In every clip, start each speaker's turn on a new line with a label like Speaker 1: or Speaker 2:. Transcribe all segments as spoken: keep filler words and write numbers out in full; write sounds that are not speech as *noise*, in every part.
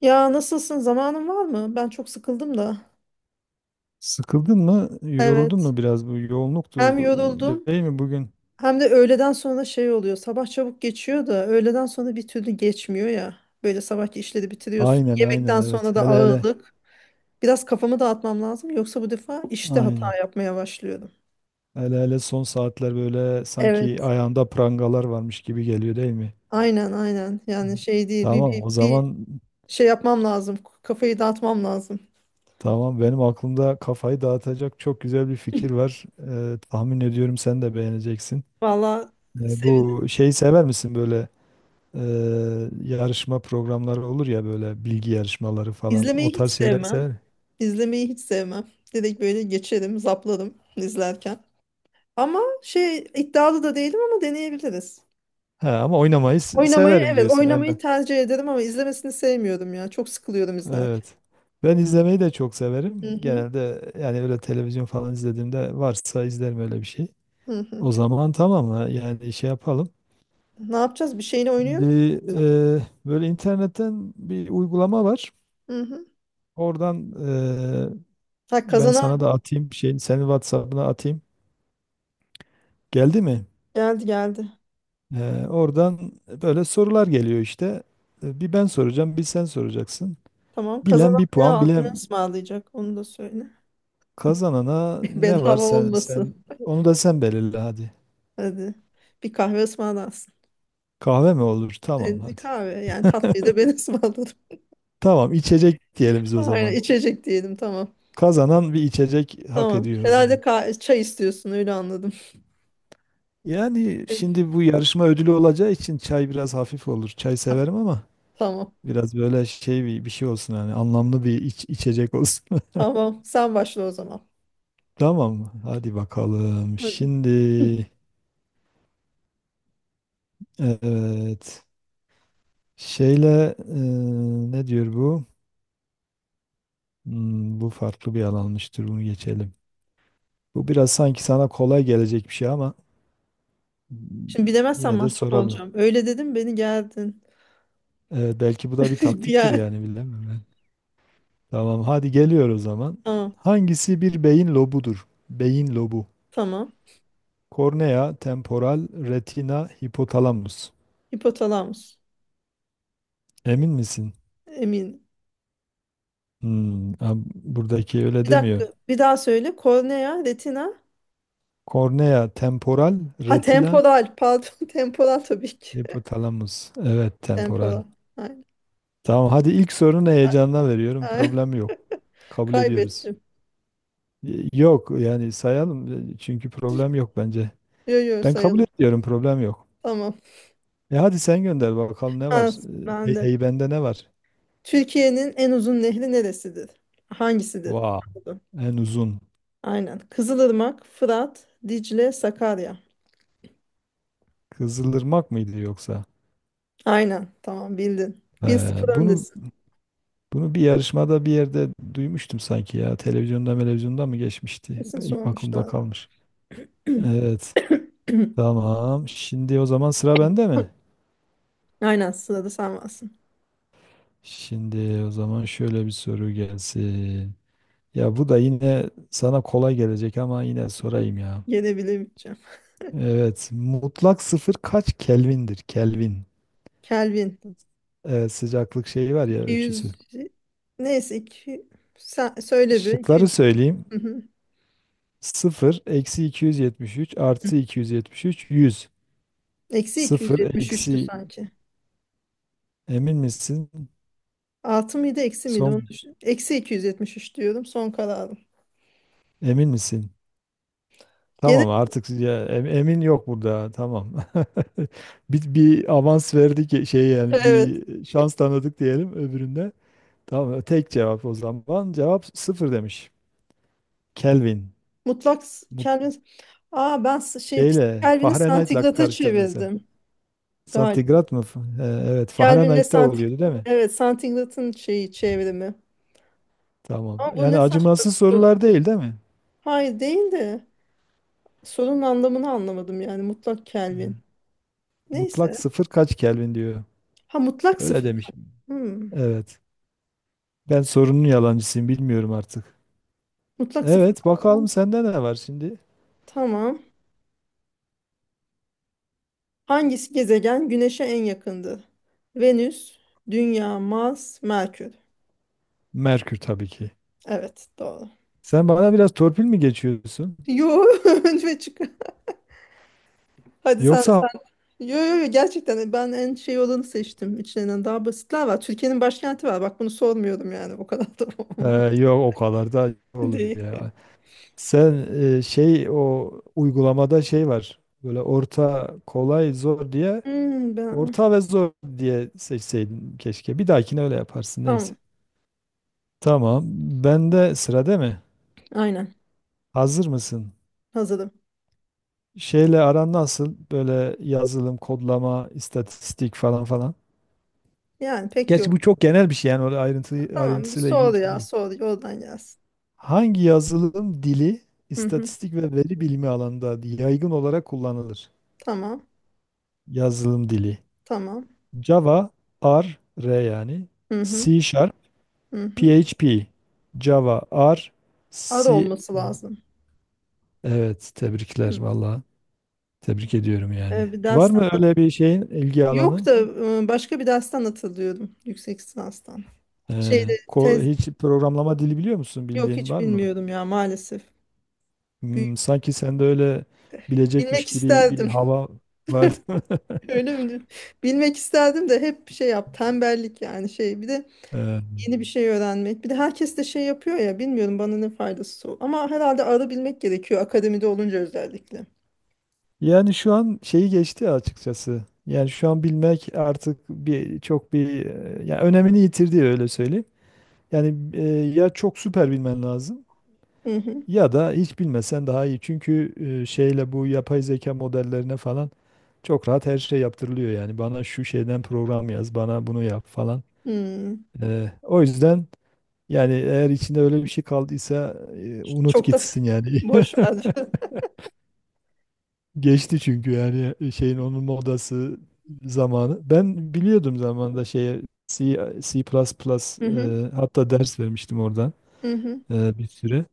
Speaker 1: Ya nasılsın? Zamanın var mı? Ben çok sıkıldım da.
Speaker 2: Sıkıldın mı? Yoruldun
Speaker 1: Evet.
Speaker 2: mu biraz? Bu yoğunluktu
Speaker 1: Hem yoruldum
Speaker 2: değil mi bugün?
Speaker 1: hem de öğleden sonra şey oluyor. Sabah çabuk geçiyor da öğleden sonra bir türlü geçmiyor ya. Böyle sabahki işleri bitiriyorsun.
Speaker 2: Aynen aynen
Speaker 1: Yemekten
Speaker 2: evet.
Speaker 1: sonra da
Speaker 2: Hele hele
Speaker 1: ağırlık. Biraz kafamı dağıtmam lazım. Yoksa bu defa işte
Speaker 2: aynen.
Speaker 1: hata yapmaya başlıyorum.
Speaker 2: Hele hele son saatler böyle sanki
Speaker 1: Evet.
Speaker 2: ayağında prangalar varmış gibi geliyor değil mi?
Speaker 1: Aynen aynen.
Speaker 2: Hı.
Speaker 1: Yani şey değil. Bir,
Speaker 2: Tamam
Speaker 1: bir,
Speaker 2: o
Speaker 1: bir
Speaker 2: zaman,
Speaker 1: şey yapmam lazım. Kafayı dağıtmam lazım.
Speaker 2: tamam, benim aklımda kafayı dağıtacak çok güzel bir fikir var. Ee, tahmin ediyorum sen de beğeneceksin.
Speaker 1: Valla.
Speaker 2: Ee, bu şeyi sever misin böyle e, yarışma programları olur ya böyle bilgi yarışmaları falan
Speaker 1: İzlemeyi
Speaker 2: o
Speaker 1: hiç
Speaker 2: tarz şeyleri
Speaker 1: sevmem.
Speaker 2: sever.
Speaker 1: İzlemeyi hiç sevmem. Direkt böyle geçerim, zaplarım izlerken. Ama şey iddialı da değilim ama deneyebiliriz.
Speaker 2: Ha, ama oynamayı s-
Speaker 1: Oynamayı,
Speaker 2: severim
Speaker 1: evet,
Speaker 2: diyorsun. Yani,
Speaker 1: oynamayı tercih ederim ama izlemesini sevmiyorum ya. Çok sıkılıyorum izlerken.
Speaker 2: evet. Ben izlemeyi de çok
Speaker 1: Hı
Speaker 2: severim.
Speaker 1: hı,
Speaker 2: Genelde yani öyle televizyon falan izlediğimde varsa izlerim öyle bir şey.
Speaker 1: hı hı.
Speaker 2: O zaman tamam ha, yani şey yapalım.
Speaker 1: Ne yapacağız? Bir şeyini oynuyor muyuz?
Speaker 2: Şimdi e, böyle internetten bir uygulama var.
Speaker 1: Hı hı.
Speaker 2: Oradan e,
Speaker 1: Ha,
Speaker 2: ben sana
Speaker 1: kazanan
Speaker 2: da atayım, şeyin, senin WhatsApp'ına atayım. Geldi mi?
Speaker 1: geldi, geldi.
Speaker 2: E, oradan böyle sorular geliyor işte. E, Bir ben soracağım, bir sen soracaksın.
Speaker 1: Tamam,
Speaker 2: Bilen
Speaker 1: kazanan
Speaker 2: bir
Speaker 1: ne,
Speaker 2: puan,
Speaker 1: al- ne
Speaker 2: bilen.
Speaker 1: ısmarlayacak onu da söyle.
Speaker 2: Kazanana
Speaker 1: *laughs*
Speaker 2: ne var,
Speaker 1: Bedava
Speaker 2: sen sen
Speaker 1: olmasın.
Speaker 2: onu da sen belirle hadi.
Speaker 1: Hadi bir kahve ısmarlarsın.
Speaker 2: Kahve mi olur? Tamam
Speaker 1: E,
Speaker 2: hadi.
Speaker 1: kahve yani tatlıyı da ben
Speaker 2: *laughs*
Speaker 1: *laughs* ısmarladım.
Speaker 2: Tamam, içecek diyelim biz o
Speaker 1: Aynen,
Speaker 2: zaman.
Speaker 1: içecek diyelim, tamam.
Speaker 2: Kazanan bir içecek hak
Speaker 1: Tamam.
Speaker 2: ediyor o
Speaker 1: Herhalde
Speaker 2: zaman.
Speaker 1: ka- çay istiyorsun, öyle anladım.
Speaker 2: Yani
Speaker 1: Evet.
Speaker 2: şimdi bu yarışma ödülü olacağı için çay biraz hafif olur. Çay severim ama
Speaker 1: Tamam.
Speaker 2: biraz böyle şey, bir, bir şey olsun, yani anlamlı bir iç- içecek olsun.
Speaker 1: Tamam. Sen başla o zaman.
Speaker 2: *laughs* Tamam mı? Hadi bakalım.
Speaker 1: Hadi.
Speaker 2: Şimdi, evet. Şeyle e, ne diyor bu? Hmm, bu farklı bir alanmıştır. Bunu geçelim. Bu biraz sanki sana kolay gelecek bir şey, ama
Speaker 1: Şimdi bilemezsen
Speaker 2: yine de
Speaker 1: mahcup
Speaker 2: soralım.
Speaker 1: olacağım. Öyle dedim beni geldin.
Speaker 2: Ee, belki bu da bir
Speaker 1: *laughs* Bir
Speaker 2: taktiktir,
Speaker 1: yer.
Speaker 2: yani bilemem ben. Tamam, hadi geliyor o zaman.
Speaker 1: Tamam.
Speaker 2: Hangisi bir beyin lobudur? Beyin lobu.
Speaker 1: Tamam.
Speaker 2: Kornea, temporal, retina, hipotalamus.
Speaker 1: Hipotalamus.
Speaker 2: Emin misin?
Speaker 1: Emin.
Speaker 2: Hmm, ha, buradaki öyle
Speaker 1: Bir dakika.
Speaker 2: demiyor.
Speaker 1: Bir daha söyle. Kornea, retina.
Speaker 2: Kornea, temporal,
Speaker 1: Ha,
Speaker 2: retina,
Speaker 1: temporal. Pardon. *laughs* Temporal tabii ki.
Speaker 2: hipotalamus. Evet, temporal.
Speaker 1: Temporal. Aynen.
Speaker 2: Tamam, hadi ilk sorunu heyecanla veriyorum.
Speaker 1: Ay,
Speaker 2: Problem yok.
Speaker 1: *laughs*
Speaker 2: Kabul ediyoruz.
Speaker 1: kaybettim.
Speaker 2: Yok, yani sayalım, e, çünkü problem yok bence.
Speaker 1: Yo yo,
Speaker 2: Ben kabul
Speaker 1: sayalım.
Speaker 2: ediyorum, problem yok.
Speaker 1: Tamam.
Speaker 2: E hadi sen gönder bakalım, ne
Speaker 1: Ha,
Speaker 2: var? E,
Speaker 1: ben
Speaker 2: Hey,
Speaker 1: de.
Speaker 2: hey, bende ne var?
Speaker 1: Türkiye'nin en uzun nehri neresidir? Hangisidir?
Speaker 2: Vaa En uzun.
Speaker 1: Aynen. Kızılırmak, Fırat, Dicle, Sakarya.
Speaker 2: Kızılırmak mıydı yoksa?
Speaker 1: Aynen. Tamam, bildin.
Speaker 2: Ee,
Speaker 1: bir sıfır
Speaker 2: bunu
Speaker 1: öndesin.
Speaker 2: bunu bir yarışmada bir yerde duymuştum sanki ya. Televizyonda, televizyonda mı geçmişti?
Speaker 1: Kesin
Speaker 2: Ay, aklımda
Speaker 1: sormuşlardı.
Speaker 2: kalmış.
Speaker 1: *clears throat*
Speaker 2: Evet, tamam. Şimdi o zaman sıra bende mi?
Speaker 1: Aynen, sırada sen varsın.
Speaker 2: Şimdi o zaman şöyle bir soru gelsin. Ya bu da yine sana kolay gelecek ama yine sorayım ya.
Speaker 1: Gelebilemeyeceğim.
Speaker 2: Evet. Mutlak sıfır kaç Kelvin'dir? Kelvin.
Speaker 1: Kelvin.
Speaker 2: Evet, sıcaklık şeyi var ya, ölçüsü.
Speaker 1: iki yüz, neyse, iki... sen söyle, bir
Speaker 2: Şıkları
Speaker 1: iki yüz.
Speaker 2: söyleyeyim.
Speaker 1: Hı hı.
Speaker 2: Sıfır, eksi iki yüz yetmiş üç, artı iki yüz yetmiş üç yüz.
Speaker 1: Eksi
Speaker 2: Sıfır,
Speaker 1: iki yüz yetmiş üçtü
Speaker 2: eksi,
Speaker 1: sanki.
Speaker 2: emin misin?
Speaker 1: Artı mıydı eksi miydi onu
Speaker 2: Son,
Speaker 1: düşün. Eksi iki yüz yetmiş üç diyorum, son kararım.
Speaker 2: emin misin?
Speaker 1: Gene
Speaker 2: Tamam artık ya, em- emin yok burada. Tamam. *laughs* bir, bir avans verdik, şey
Speaker 1: *laughs*
Speaker 2: yani
Speaker 1: evet.
Speaker 2: bir şans tanıdık diyelim öbüründe. Tamam, tek cevap o zaman. Cevap sıfır demiş. Kelvin.
Speaker 1: Mutlak s- Kelvin. Aa, ben s- şey,
Speaker 2: Şeyle,
Speaker 1: Kelvin'i
Speaker 2: Fahrenheit'la
Speaker 1: santigrata
Speaker 2: karıştırdın sen.
Speaker 1: çevirdim galiba.
Speaker 2: Santigrat mı? F- e, Evet,
Speaker 1: Kelvin'le
Speaker 2: Fahrenheit'te
Speaker 1: santig
Speaker 2: oluyordu değil mi?
Speaker 1: evet, santigratın şeyi çevrimi.
Speaker 2: Tamam.
Speaker 1: Ama bu
Speaker 2: Yani
Speaker 1: ne saçma
Speaker 2: acımasız
Speaker 1: bir soru.
Speaker 2: sorular değil, değil mi?
Speaker 1: Hayır, değil de sorunun anlamını anlamadım yani mutlak Kelvin.
Speaker 2: Mutlak
Speaker 1: Neyse.
Speaker 2: sıfır kaç Kelvin diyor.
Speaker 1: Ha, mutlak
Speaker 2: Öyle
Speaker 1: sıfır.
Speaker 2: demiş.
Speaker 1: Hmm.
Speaker 2: Evet. Ben sorunun yalancısıyım, bilmiyorum artık.
Speaker 1: Mutlak sıfır.
Speaker 2: Evet, bakalım sende ne var şimdi?
Speaker 1: Tamam. Hangisi gezegen Güneş'e en yakındır? Venüs, Dünya, Mars, Merkür.
Speaker 2: Merkür tabii ki.
Speaker 1: Evet, doğru.
Speaker 2: Sen bana biraz torpil mi geçiyorsun?
Speaker 1: Yo, *laughs* önce çık. Hadi sen.
Speaker 2: Yoksa...
Speaker 1: Yo yo yo, gerçekten ben en şey olanı seçtim. İçlerinden daha basitler var. Türkiye'nin başkenti var. Bak, bunu sormuyorum yani. O kadar da *laughs*
Speaker 2: Ee,
Speaker 1: olmaz
Speaker 2: yok, o kadar da olur
Speaker 1: değil.
Speaker 2: ya. Sen e, şey, o uygulamada şey var. Böyle orta, kolay, zor diye...
Speaker 1: Hmm, ben...
Speaker 2: Orta ve zor diye seçseydin keşke. Bir dahakine öyle yaparsın neyse.
Speaker 1: Tamam.
Speaker 2: Tamam. Bende sıra değil mi?
Speaker 1: Aynen.
Speaker 2: Hazır mısın?
Speaker 1: Hazırım.
Speaker 2: Şeyle aran nasıl? Böyle yazılım, kodlama, istatistik falan falan.
Speaker 1: Yani pek
Speaker 2: Gerçi
Speaker 1: yok.
Speaker 2: bu çok genel bir şey, yani öyle ayrıntı,
Speaker 1: Tamam.
Speaker 2: ayrıntısıyla ilgili
Speaker 1: Sor
Speaker 2: bir şey
Speaker 1: ya.
Speaker 2: değil.
Speaker 1: Sor. Oradan gelsin.
Speaker 2: Hangi yazılım dili
Speaker 1: Hı hı.
Speaker 2: istatistik ve veri bilimi alanında yaygın olarak kullanılır?
Speaker 1: Tamam.
Speaker 2: Yazılım dili.
Speaker 1: Tamam.
Speaker 2: Java, R, R yani.
Speaker 1: Hı hı.
Speaker 2: C Sharp,
Speaker 1: Hı hı.
Speaker 2: P H P. Java, R,
Speaker 1: Ara
Speaker 2: C.
Speaker 1: olması lazım.
Speaker 2: Evet,
Speaker 1: Değil
Speaker 2: tebrikler
Speaker 1: mi?
Speaker 2: valla. Tebrik ediyorum yani.
Speaker 1: Ee, bir
Speaker 2: Var
Speaker 1: dersten.
Speaker 2: mı öyle bir şeyin, ilgi
Speaker 1: Yok
Speaker 2: alanın?
Speaker 1: da, e, başka bir dersten hatırlıyorum. Yüksek lisanstan. Şeyde,
Speaker 2: Ee, ko-
Speaker 1: tez,
Speaker 2: hiç programlama dili biliyor musun?
Speaker 1: yok
Speaker 2: Bildiğin
Speaker 1: hiç
Speaker 2: var mı?
Speaker 1: bilmiyorum ya maalesef.
Speaker 2: Hmm,
Speaker 1: Büyük.
Speaker 2: sanki sende öyle bilecekmiş
Speaker 1: Bilmek
Speaker 2: gibi bir
Speaker 1: isterdim.
Speaker 2: hava vardı. *laughs*
Speaker 1: *laughs* Öyle mi? Bilmek isterdim de hep şey yap, tembellik yani şey, bir de
Speaker 2: Ee,
Speaker 1: yeni bir şey öğrenmek. Bir de herkes de şey yapıyor ya, bilmiyorum bana ne faydası o. Ama herhalde ara bilmek gerekiyor akademide olunca, özellikle.
Speaker 2: yani şu an şeyi geçti açıkçası. Yani şu an bilmek artık bir çok bir e, yani önemini yitirdi, öyle söyleyeyim. Yani e, ya çok süper bilmen lazım,
Speaker 1: Hı hı.
Speaker 2: ya da hiç bilmesen daha iyi. Çünkü e, şeyle bu yapay zeka modellerine falan... Çok rahat her şey yaptırılıyor yani. Bana şu şeyden program yaz, bana bunu yap falan.
Speaker 1: Hmm.
Speaker 2: Ee, o yüzden yani eğer içinde öyle bir şey kaldıysa, e, unut
Speaker 1: Çok da
Speaker 2: gitsin
Speaker 1: *laughs*
Speaker 2: yani.
Speaker 1: boş ver.
Speaker 2: *laughs* Geçti çünkü yani, e, şeyin, onun modası zamanı. Ben biliyordum zamanında şeye, C, C++,
Speaker 1: Hı hı.
Speaker 2: e, hatta ders vermiştim oradan
Speaker 1: Hı hı.
Speaker 2: e, bir süre.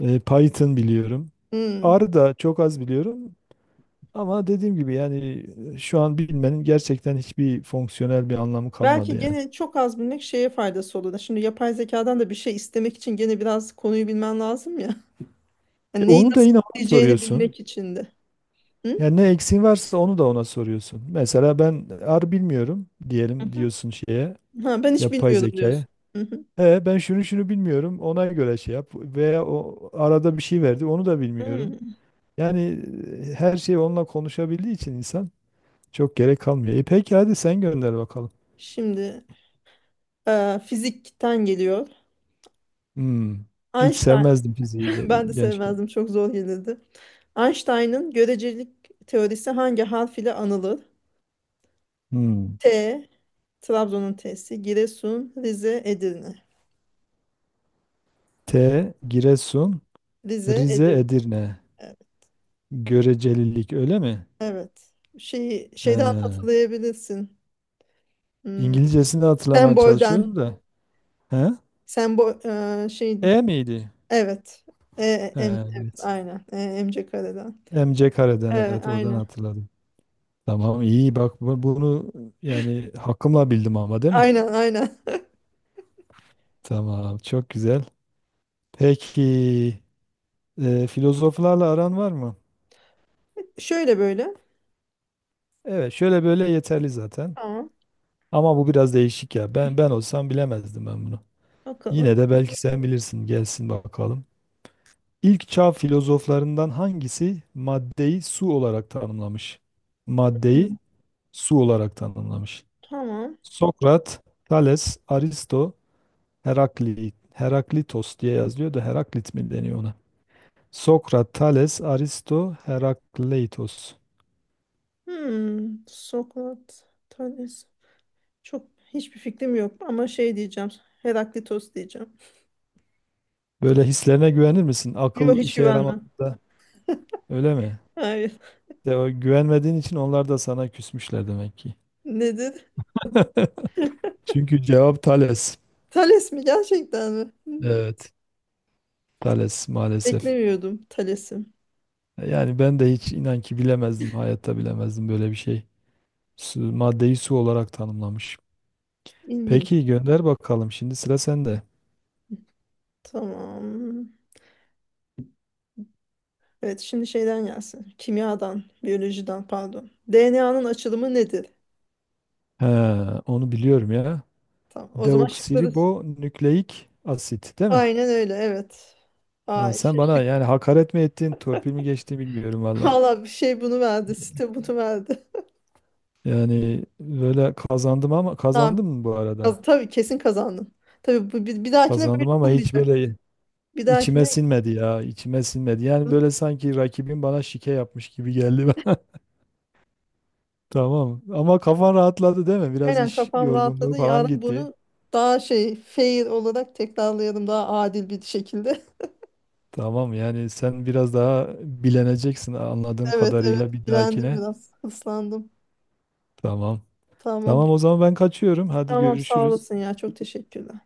Speaker 2: E, Python biliyorum.
Speaker 1: Hı.
Speaker 2: R da çok az biliyorum. Ama dediğim gibi yani, e, şu an bilmenin gerçekten hiçbir fonksiyonel bir anlamı kalmadı
Speaker 1: Belki
Speaker 2: yani.
Speaker 1: gene çok az bilmek şeye faydası olur. Şimdi yapay zekadan da bir şey istemek için gene biraz konuyu bilmen lazım ya.
Speaker 2: E,
Speaker 1: Yani neyi
Speaker 2: Onu da
Speaker 1: nasıl
Speaker 2: yine ona
Speaker 1: isteyeceğini
Speaker 2: soruyorsun.
Speaker 1: bilmek için de. Hı?
Speaker 2: Yani ne eksiğin varsa onu da ona soruyorsun. Mesela ben ar bilmiyorum
Speaker 1: Hı
Speaker 2: diyelim,
Speaker 1: hı.
Speaker 2: diyorsun şeye,
Speaker 1: Ha, ben hiç
Speaker 2: yapay
Speaker 1: bilmiyordum
Speaker 2: zekaya.
Speaker 1: diyorsun. Hı hı.
Speaker 2: E ben şunu şunu bilmiyorum, ona göre şey yap. Veya o arada bir şey verdi, onu da bilmiyorum.
Speaker 1: Hı.
Speaker 2: Yani e, her şeyi onunla konuşabildiği için insan, çok gerek kalmıyor. E peki hadi sen gönder bakalım.
Speaker 1: Şimdi, Ee, fizikten geliyor.
Speaker 2: Hmm. Hiç
Speaker 1: Einstein,
Speaker 2: sevmezdim fiziği
Speaker 1: *laughs* ben de
Speaker 2: ge- gençken.
Speaker 1: sevmezdim, çok zor gelirdi. Einstein'ın görecelik teorisi hangi harf ile anılır?
Speaker 2: Hmm.
Speaker 1: T, Trabzon'un T'si, Giresun, Rize, Edirne.
Speaker 2: T. Giresun,
Speaker 1: Rize,
Speaker 2: Rize,
Speaker 1: Edirne.
Speaker 2: Edirne.
Speaker 1: Evet.
Speaker 2: Görecelilik öyle mi?
Speaker 1: Evet. Şey,
Speaker 2: He.
Speaker 1: şeyden hatırlayabilirsin. Hmm,
Speaker 2: İngilizcesini de hatırlamaya çalışıyorum
Speaker 1: sembolden.
Speaker 2: da. He?
Speaker 1: Sembol, e, şey,
Speaker 2: E miydi?
Speaker 1: evet. E, em, evet,
Speaker 2: Evet.
Speaker 1: aynen. E, emce kareden.
Speaker 2: M C kareden,
Speaker 1: E,
Speaker 2: evet, oradan
Speaker 1: aynen.
Speaker 2: hatırladım. Tamam, iyi bak, bu- bunu yani hakkımla bildim ama, değil mi?
Speaker 1: Aynen, aynen. *laughs*
Speaker 2: Tamam, çok güzel. Peki e, filozoflarla aran var mı?
Speaker 1: Şöyle böyle.
Speaker 2: Evet, şöyle böyle yeterli zaten.
Speaker 1: Tamam.
Speaker 2: Ama bu biraz değişik ya. Ben ben olsam bilemezdim ben bunu. Yine
Speaker 1: Bakalım.
Speaker 2: de belki sen bilirsin. Gelsin bakalım. İlk çağ filozoflarından hangisi maddeyi su olarak tanımlamış? Maddeyi su olarak tanımlamış.
Speaker 1: Tamam.
Speaker 2: Sokrat, Thales, Aristo, Heraklit. Heraklitos diye yazılıyor da Heraklit mi deniyor ona? Sokrat, Thales, Aristo, Herakleitos.
Speaker 1: Hmm, Sokrat tanesi. Çok, hiçbir fikrim yok ama şey diyeceğim. Heraklitos diyeceğim.
Speaker 2: Böyle hislerine güvenir misin?
Speaker 1: Yok,
Speaker 2: Akıl
Speaker 1: hiç
Speaker 2: işe
Speaker 1: güvenmem.
Speaker 2: yaramadığında öyle mi?
Speaker 1: Hayır. *laughs*
Speaker 2: De, o güvenmediğin için onlar da sana küsmüşler demek ki.
Speaker 1: Nedir?
Speaker 2: *laughs* Çünkü cevap Thales.
Speaker 1: Thales mi, gerçekten mi? Hmm,
Speaker 2: Evet, Thales maalesef.
Speaker 1: beklemiyordum Thales'i.
Speaker 2: Yani ben de hiç, inan ki bilemezdim, hayatta bilemezdim böyle bir şey. Su, maddeyi su olarak tanımlamış.
Speaker 1: İlginç.
Speaker 2: Peki gönder bakalım. Şimdi sıra sende.
Speaker 1: Tamam. Evet, şimdi şeyden gelsin. Kimyadan, biyolojiden, pardon. D N A'nın açılımı nedir?
Speaker 2: He, onu biliyorum ya.
Speaker 1: Tamam. O zaman şıkları.
Speaker 2: Deoksiribonükleik asit değil mi?
Speaker 1: Aynen öyle, evet.
Speaker 2: Ya
Speaker 1: Ay,
Speaker 2: sen
Speaker 1: şey,
Speaker 2: bana
Speaker 1: şık.
Speaker 2: yani hakaret mi ettin, torpil mi geçti bilmiyorum
Speaker 1: *laughs*
Speaker 2: valla.
Speaker 1: Valla, bir şey bunu verdi. Site bunu verdi.
Speaker 2: Yani böyle kazandım, ama
Speaker 1: *laughs* Tamam.
Speaker 2: kazandım mı bu arada?
Speaker 1: Kaz- Tabii, kesin kazandın. Tabii bu, bir, bir dahakine böyle
Speaker 2: Kazandım ama hiç
Speaker 1: olmayacak.
Speaker 2: böyle
Speaker 1: Bir
Speaker 2: içime
Speaker 1: dahakine,
Speaker 2: sinmedi ya, içime sinmedi. Yani böyle sanki rakibim bana şike yapmış gibi geldi. *laughs* Tamam. Ama kafan rahatladı değil mi? Biraz
Speaker 1: aynen,
Speaker 2: iş
Speaker 1: kafam
Speaker 2: yorgunluğu
Speaker 1: rahatladı.
Speaker 2: falan
Speaker 1: Yarın
Speaker 2: gitti.
Speaker 1: bunu daha şey, fair olarak tekrarlayalım, daha adil bir şekilde. *laughs*
Speaker 2: Tamam, yani sen biraz daha bileneceksin anladığım
Speaker 1: Evet, evet,
Speaker 2: kadarıyla bir
Speaker 1: bilendim,
Speaker 2: dahakine.
Speaker 1: biraz ıslandım.
Speaker 2: Tamam.
Speaker 1: Tamam.
Speaker 2: Tamam o zaman ben kaçıyorum. Hadi
Speaker 1: Tamam, sağ
Speaker 2: görüşürüz.
Speaker 1: olasın ya, çok teşekkürler.